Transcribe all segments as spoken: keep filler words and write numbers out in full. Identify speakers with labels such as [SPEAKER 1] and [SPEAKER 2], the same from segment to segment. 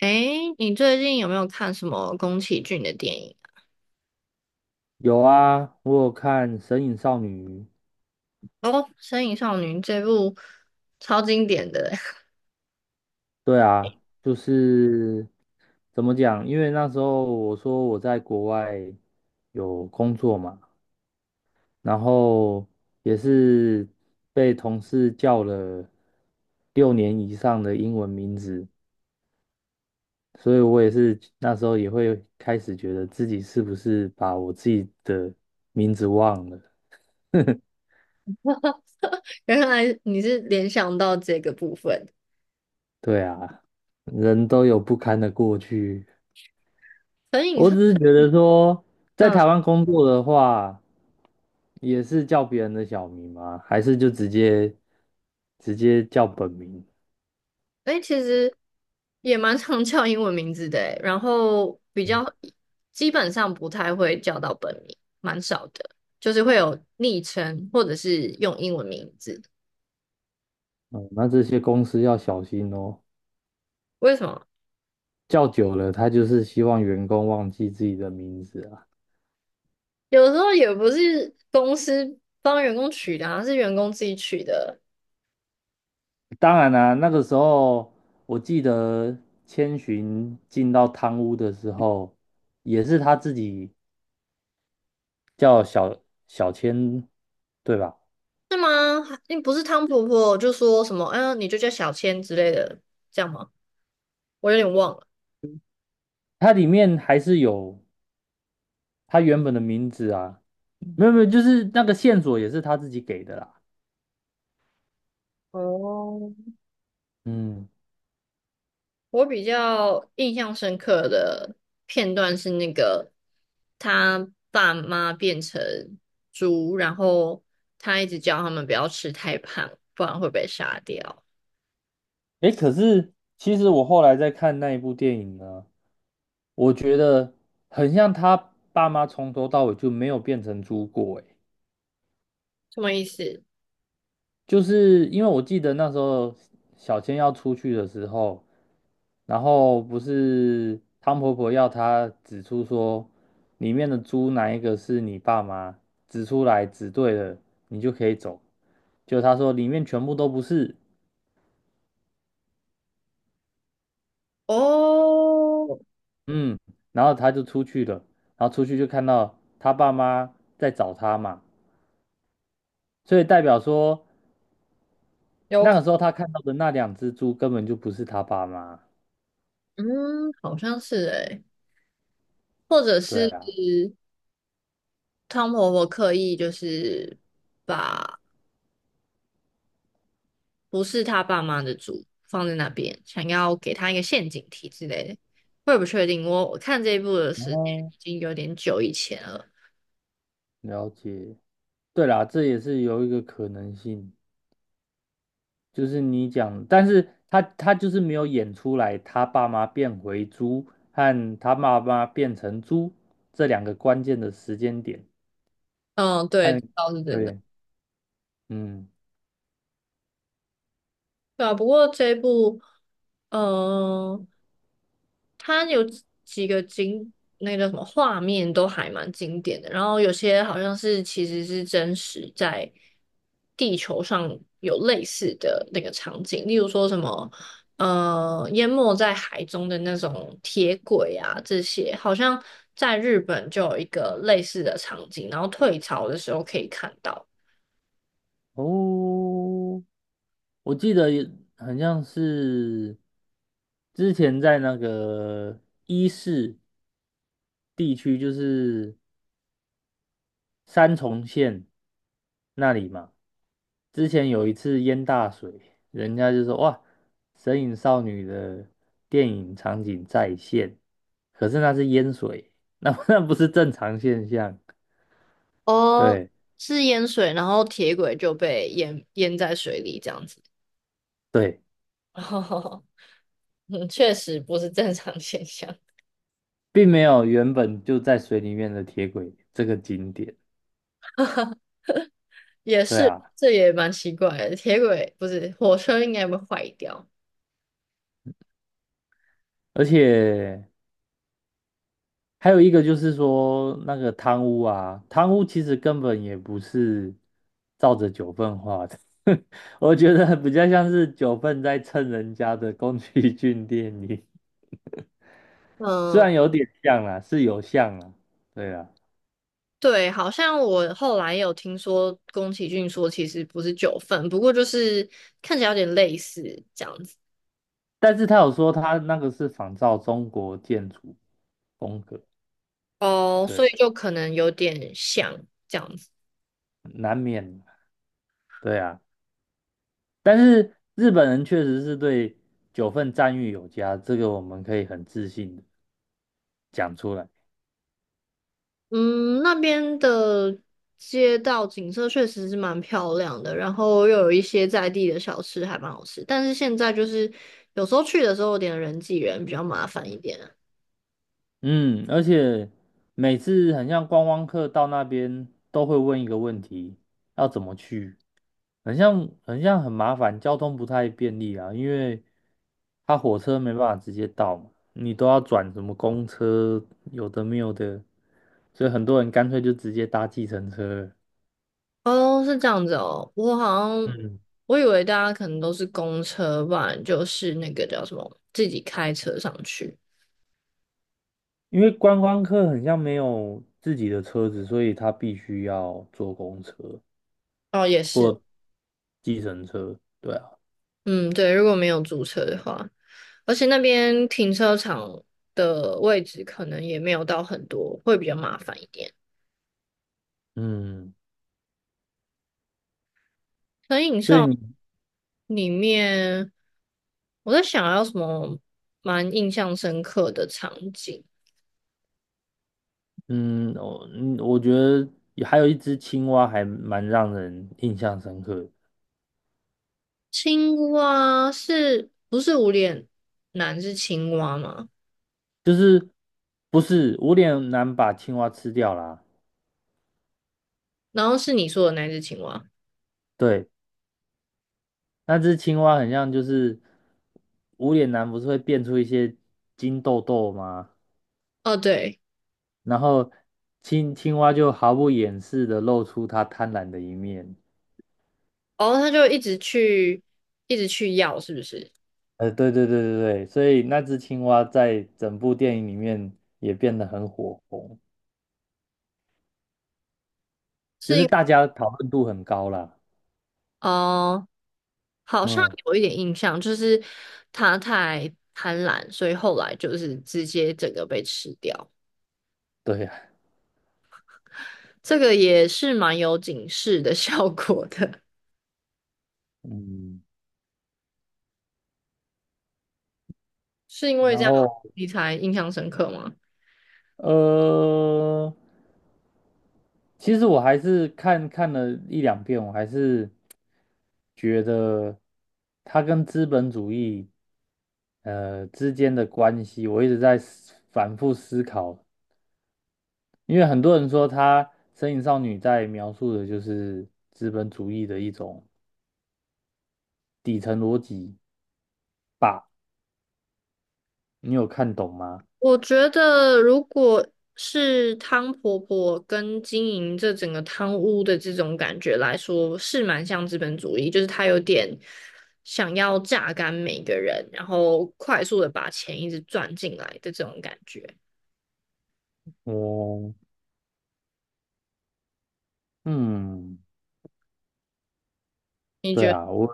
[SPEAKER 1] 诶，你最近有没有看什么宫崎骏的电影
[SPEAKER 2] 有啊，我有看《神隐少女》。
[SPEAKER 1] 啊？哦，《身影少女》这部超经典的欸。
[SPEAKER 2] 对啊，就是怎么讲？因为那时候我说我在国外有工作嘛，然后也是被同事叫了六年以上的英文名字，所以我也是那时候也会开始觉得自己是不是把我自己的名字忘了。
[SPEAKER 1] 原来你是联想到这个部分。
[SPEAKER 2] 对啊，人都有不堪的过去。
[SPEAKER 1] 《身影
[SPEAKER 2] 我
[SPEAKER 1] 少》
[SPEAKER 2] 只是觉得说，在
[SPEAKER 1] 嗯，
[SPEAKER 2] 台湾工作的话，也是叫别人的小名吗？还是就直接直接叫本名？
[SPEAKER 1] 诶，其实也蛮常叫英文名字的欸，然后比较基本上不太会叫到本名，蛮少的，就是会有昵称或者是用英文名字。
[SPEAKER 2] 嗯，那这些公司要小心哦，
[SPEAKER 1] 为什么？
[SPEAKER 2] 叫久了，他就是希望员工忘记自己的名字啊。
[SPEAKER 1] 有时候也不是公司帮员工取的而是员工自己取的。
[SPEAKER 2] 当然啦、那个时候我记得千寻进到汤屋的时候，也是他自己叫小小千，对吧？
[SPEAKER 1] 是吗？还不是汤婆婆就说什么，嗯、你就叫小千之类的，这样吗？我有点忘了。
[SPEAKER 2] 它里面还是有他原本的名字啊，没有没有，就是那个线索也是他自己给的啦。
[SPEAKER 1] 哦，
[SPEAKER 2] 嗯，
[SPEAKER 1] 我比较印象深刻的片段是那个他爸妈变成猪，然后他一直叫他们不要吃太胖，不然会被杀掉。
[SPEAKER 2] 诶，可是其实我后来在看那一部电影呢，我觉得很像他爸妈从头到尾就没有变成猪过，诶，
[SPEAKER 1] 什么意思？
[SPEAKER 2] 就是因为我记得那时候小千要出去的时候，然后不是汤婆婆要她指出说里面的猪哪一个是你爸妈，指出来指对了，你就可以走。就他说里面全部都不是，
[SPEAKER 1] 哦，
[SPEAKER 2] 嗯，然后他就出去了，然后出去就看到他爸妈在找他嘛，所以代表说
[SPEAKER 1] 有
[SPEAKER 2] 那
[SPEAKER 1] 可，
[SPEAKER 2] 个时候他看到的那两只猪根本就不是他爸妈，
[SPEAKER 1] 嗯，好像是诶、或者
[SPEAKER 2] 对
[SPEAKER 1] 是
[SPEAKER 2] 啊，
[SPEAKER 1] 汤婆婆刻意就是。把。不是他爸妈的主放在那边，想要给他一个陷阱题之类的，我也不确定。我我看这一部的时间
[SPEAKER 2] 哦，
[SPEAKER 1] 已经有点久以前了。
[SPEAKER 2] 了解，对啦，这也是有一个可能性，就是你讲，但是他他就是没有演出来他爸妈变回猪和他妈妈变成猪这两个关键的时间点
[SPEAKER 1] 嗯，对，
[SPEAKER 2] 和
[SPEAKER 1] 倒是真的。
[SPEAKER 2] 对，嗯。
[SPEAKER 1] 对啊，不过这一部，嗯、它有几个经那个叫什么画面都还蛮经典的，然后有些好像是其实是真实在地球上有类似的那个场景，例如说什么呃淹没在海中的那种铁轨啊这些，好像在日本就有一个类似的场景，然后退潮的时候可以看到。
[SPEAKER 2] 哦，我记得也很像是之前在那个伊势地区，就是三重县那里嘛。之前有一次淹大水，人家就说哇，《神隐少女》的电影场景再现，可是那是淹水，那 那不是正常现象。
[SPEAKER 1] 哦，
[SPEAKER 2] 对
[SPEAKER 1] 是淹水，然后铁轨就被淹淹在水里这样子。
[SPEAKER 2] 对，
[SPEAKER 1] 嗯，确实不是正常现象，
[SPEAKER 2] 并没有原本就在水里面的铁轨这个景点。
[SPEAKER 1] 也
[SPEAKER 2] 对
[SPEAKER 1] 是，
[SPEAKER 2] 啊。
[SPEAKER 1] 这也蛮奇怪的。铁轨不是火车应该会坏掉。
[SPEAKER 2] 而且还有一个就是说，那个贪污啊，贪污其实根本也不是照着九份画的，我觉得比较像是九份在蹭人家的宫崎骏电影，虽
[SPEAKER 1] 嗯，
[SPEAKER 2] 然有点像啦，是有像啦，对啊，
[SPEAKER 1] 对，好像我后来有听说宫崎骏说其实不是九份，不过就是看起来有点类似这样子。
[SPEAKER 2] 但是他有说他那个是仿照中国建筑风格，
[SPEAKER 1] 哦，所
[SPEAKER 2] 对，
[SPEAKER 1] 以就可能有点像。这样子。
[SPEAKER 2] 难免，对啊，但是日本人确实是对九份赞誉有加，这个我们可以很自信的讲出来。
[SPEAKER 1] 嗯，那边的街道景色确实是蛮漂亮的，然后又有一些在地的小吃还蛮好吃，但是现在就是有时候去的时候有点人挤人，比较麻烦一点。
[SPEAKER 2] 嗯，而且每次很像观光客到那边都会问一个问题，要怎么去？很像很像很麻烦，交通不太便利啊，因为他火车没办法直接到嘛，你都要转什么公车，有的没有的，所以很多人干脆就直接搭计程车了。
[SPEAKER 1] 哦，是这样子哦，我好像
[SPEAKER 2] 嗯，
[SPEAKER 1] 我以为大家可能都是公车吧，不然就是那个叫什么自己开车上去。
[SPEAKER 2] 因为观光客很像没有自己的车子，所以他必须要坐公车
[SPEAKER 1] 哦，也是，
[SPEAKER 2] 或对啊。
[SPEAKER 1] 嗯，对，如果没有租车的话，而且那边停车场的位置可能也没有到很多，会比较麻烦一点。
[SPEAKER 2] 嗯，
[SPEAKER 1] 可以，你
[SPEAKER 2] 所以
[SPEAKER 1] 上。
[SPEAKER 2] 你。
[SPEAKER 1] 里面我在想要什么蛮印象深刻的场景。
[SPEAKER 2] 嗯，我嗯，我觉得也还有一只青蛙还蛮让人印象深刻的。
[SPEAKER 1] 青蛙是不是无脸男是青蛙吗？
[SPEAKER 2] 就是不是我有男把青蛙吃掉啦。
[SPEAKER 1] 然后是你说的那只青蛙。
[SPEAKER 2] 对，那只青蛙很像就是无脸男不是会变出一些金豆豆吗？
[SPEAKER 1] 哦，对，
[SPEAKER 2] 然后青青蛙就毫不掩饰的露出它贪婪的一面。
[SPEAKER 1] 哦，他就一直去，一直去要，是不是？
[SPEAKER 2] 呃，对对对对对，所以那只青蛙在整部电影里面也变得很火红，就
[SPEAKER 1] 是
[SPEAKER 2] 是
[SPEAKER 1] 因
[SPEAKER 2] 大家讨论度很高啦。
[SPEAKER 1] 哦，好像
[SPEAKER 2] 嗯。
[SPEAKER 1] 有一点印象，就是他太贪婪，所以后来就是直接整个被吃掉。
[SPEAKER 2] 对呀，
[SPEAKER 1] 这个也是蛮有警示的效果的。
[SPEAKER 2] 嗯，
[SPEAKER 1] 是因为
[SPEAKER 2] 然
[SPEAKER 1] 这样
[SPEAKER 2] 后
[SPEAKER 1] 你才印象深刻吗？
[SPEAKER 2] 呃，其实我还是看看了一两遍，我还是觉得它跟资本主义呃之间的关系，我一直在思反复思考，因为很多人说他《身影少女》在描述的就是资本主义的一种底层逻辑，你有看懂吗？
[SPEAKER 1] 我觉得如果是汤婆婆跟经营这整个汤屋的这种感觉来说，是蛮像资本主义，就是他有点想要榨干每个人，然后快速的把钱一直赚进来的这种感觉。
[SPEAKER 2] 我嗯，
[SPEAKER 1] 你
[SPEAKER 2] 对
[SPEAKER 1] 觉得？
[SPEAKER 2] 啊，我。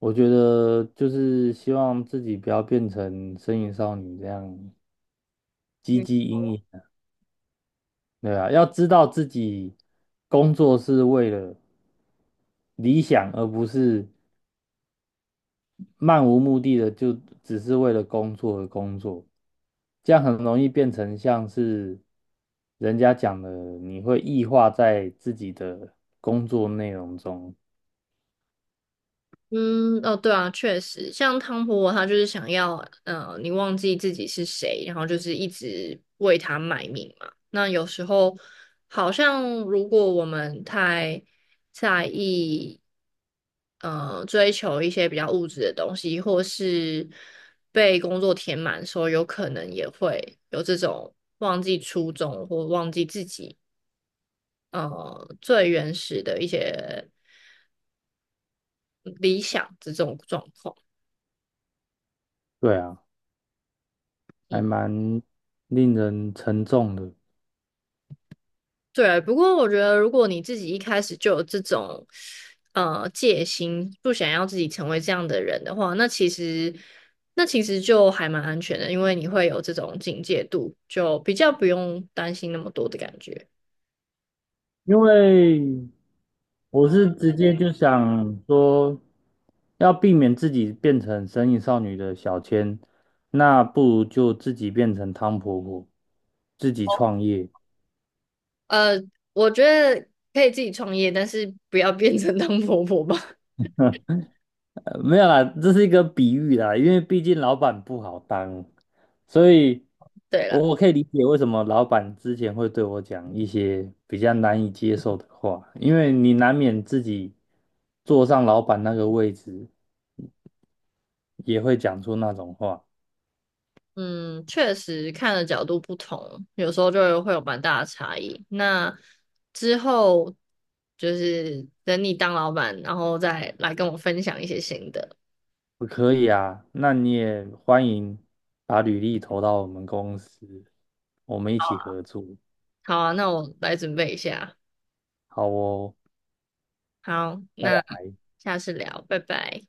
[SPEAKER 2] 我觉得就是希望自己不要变成身影少女这样唧
[SPEAKER 1] 嗯
[SPEAKER 2] 唧嘤影，的，对啊，要知道自己工作是为了理想，而不是漫无目的的就只是为了工作而工作，这样很容易变成像是人家讲的，你会异化在自己的工作内容中，
[SPEAKER 1] 嗯，哦，对啊，确实，像汤婆婆她就是想要，呃，你忘记自己是谁，然后就是一直为他卖命嘛。那有时候好像如果我们太在意，呃，追求一些比较物质的东西，或是被工作填满的时候，有可能也会有这种忘记初衷或忘记自己，呃，最原始的一些嗯理想这种状况。
[SPEAKER 2] 对啊，还
[SPEAKER 1] 嗯。
[SPEAKER 2] 蛮令人沉重的。
[SPEAKER 1] 对，不过我觉得，如果你自己一开始就有这种呃戒心，不想要自己成为这样的人的话，那其实那其实就还蛮安全的，因为你会有这种警戒度，就比较不用担心那么多的感觉。
[SPEAKER 2] 因为我是直接就想说，要避免自己变成神隐少女的小千，那不如就自己变成汤婆婆，自己创业。
[SPEAKER 1] 呃，我觉得可以自己创业，但是不要变成当婆婆吧。
[SPEAKER 2] 呃没有啦，这是一个比喻啦，因为毕竟老板不好当，所以
[SPEAKER 1] 对啦。
[SPEAKER 2] 我我可以理解为什么老板之前会对我讲一些比较难以接受的话，因为你难免自己坐上老板那个位置，也会讲出那种话。
[SPEAKER 1] 嗯，确实看的角度不同，有时候就会有蛮大的差异。那之后就是等你当老板，然后再来跟我分享一些新的。
[SPEAKER 2] 我可以啊，那你也欢迎把履历投到我们公司，我们一起合作。
[SPEAKER 1] 好啊，那我来准备一下。
[SPEAKER 2] 好哦，
[SPEAKER 1] 好，
[SPEAKER 2] 拜
[SPEAKER 1] 那
[SPEAKER 2] 拜。
[SPEAKER 1] 下次聊，拜拜。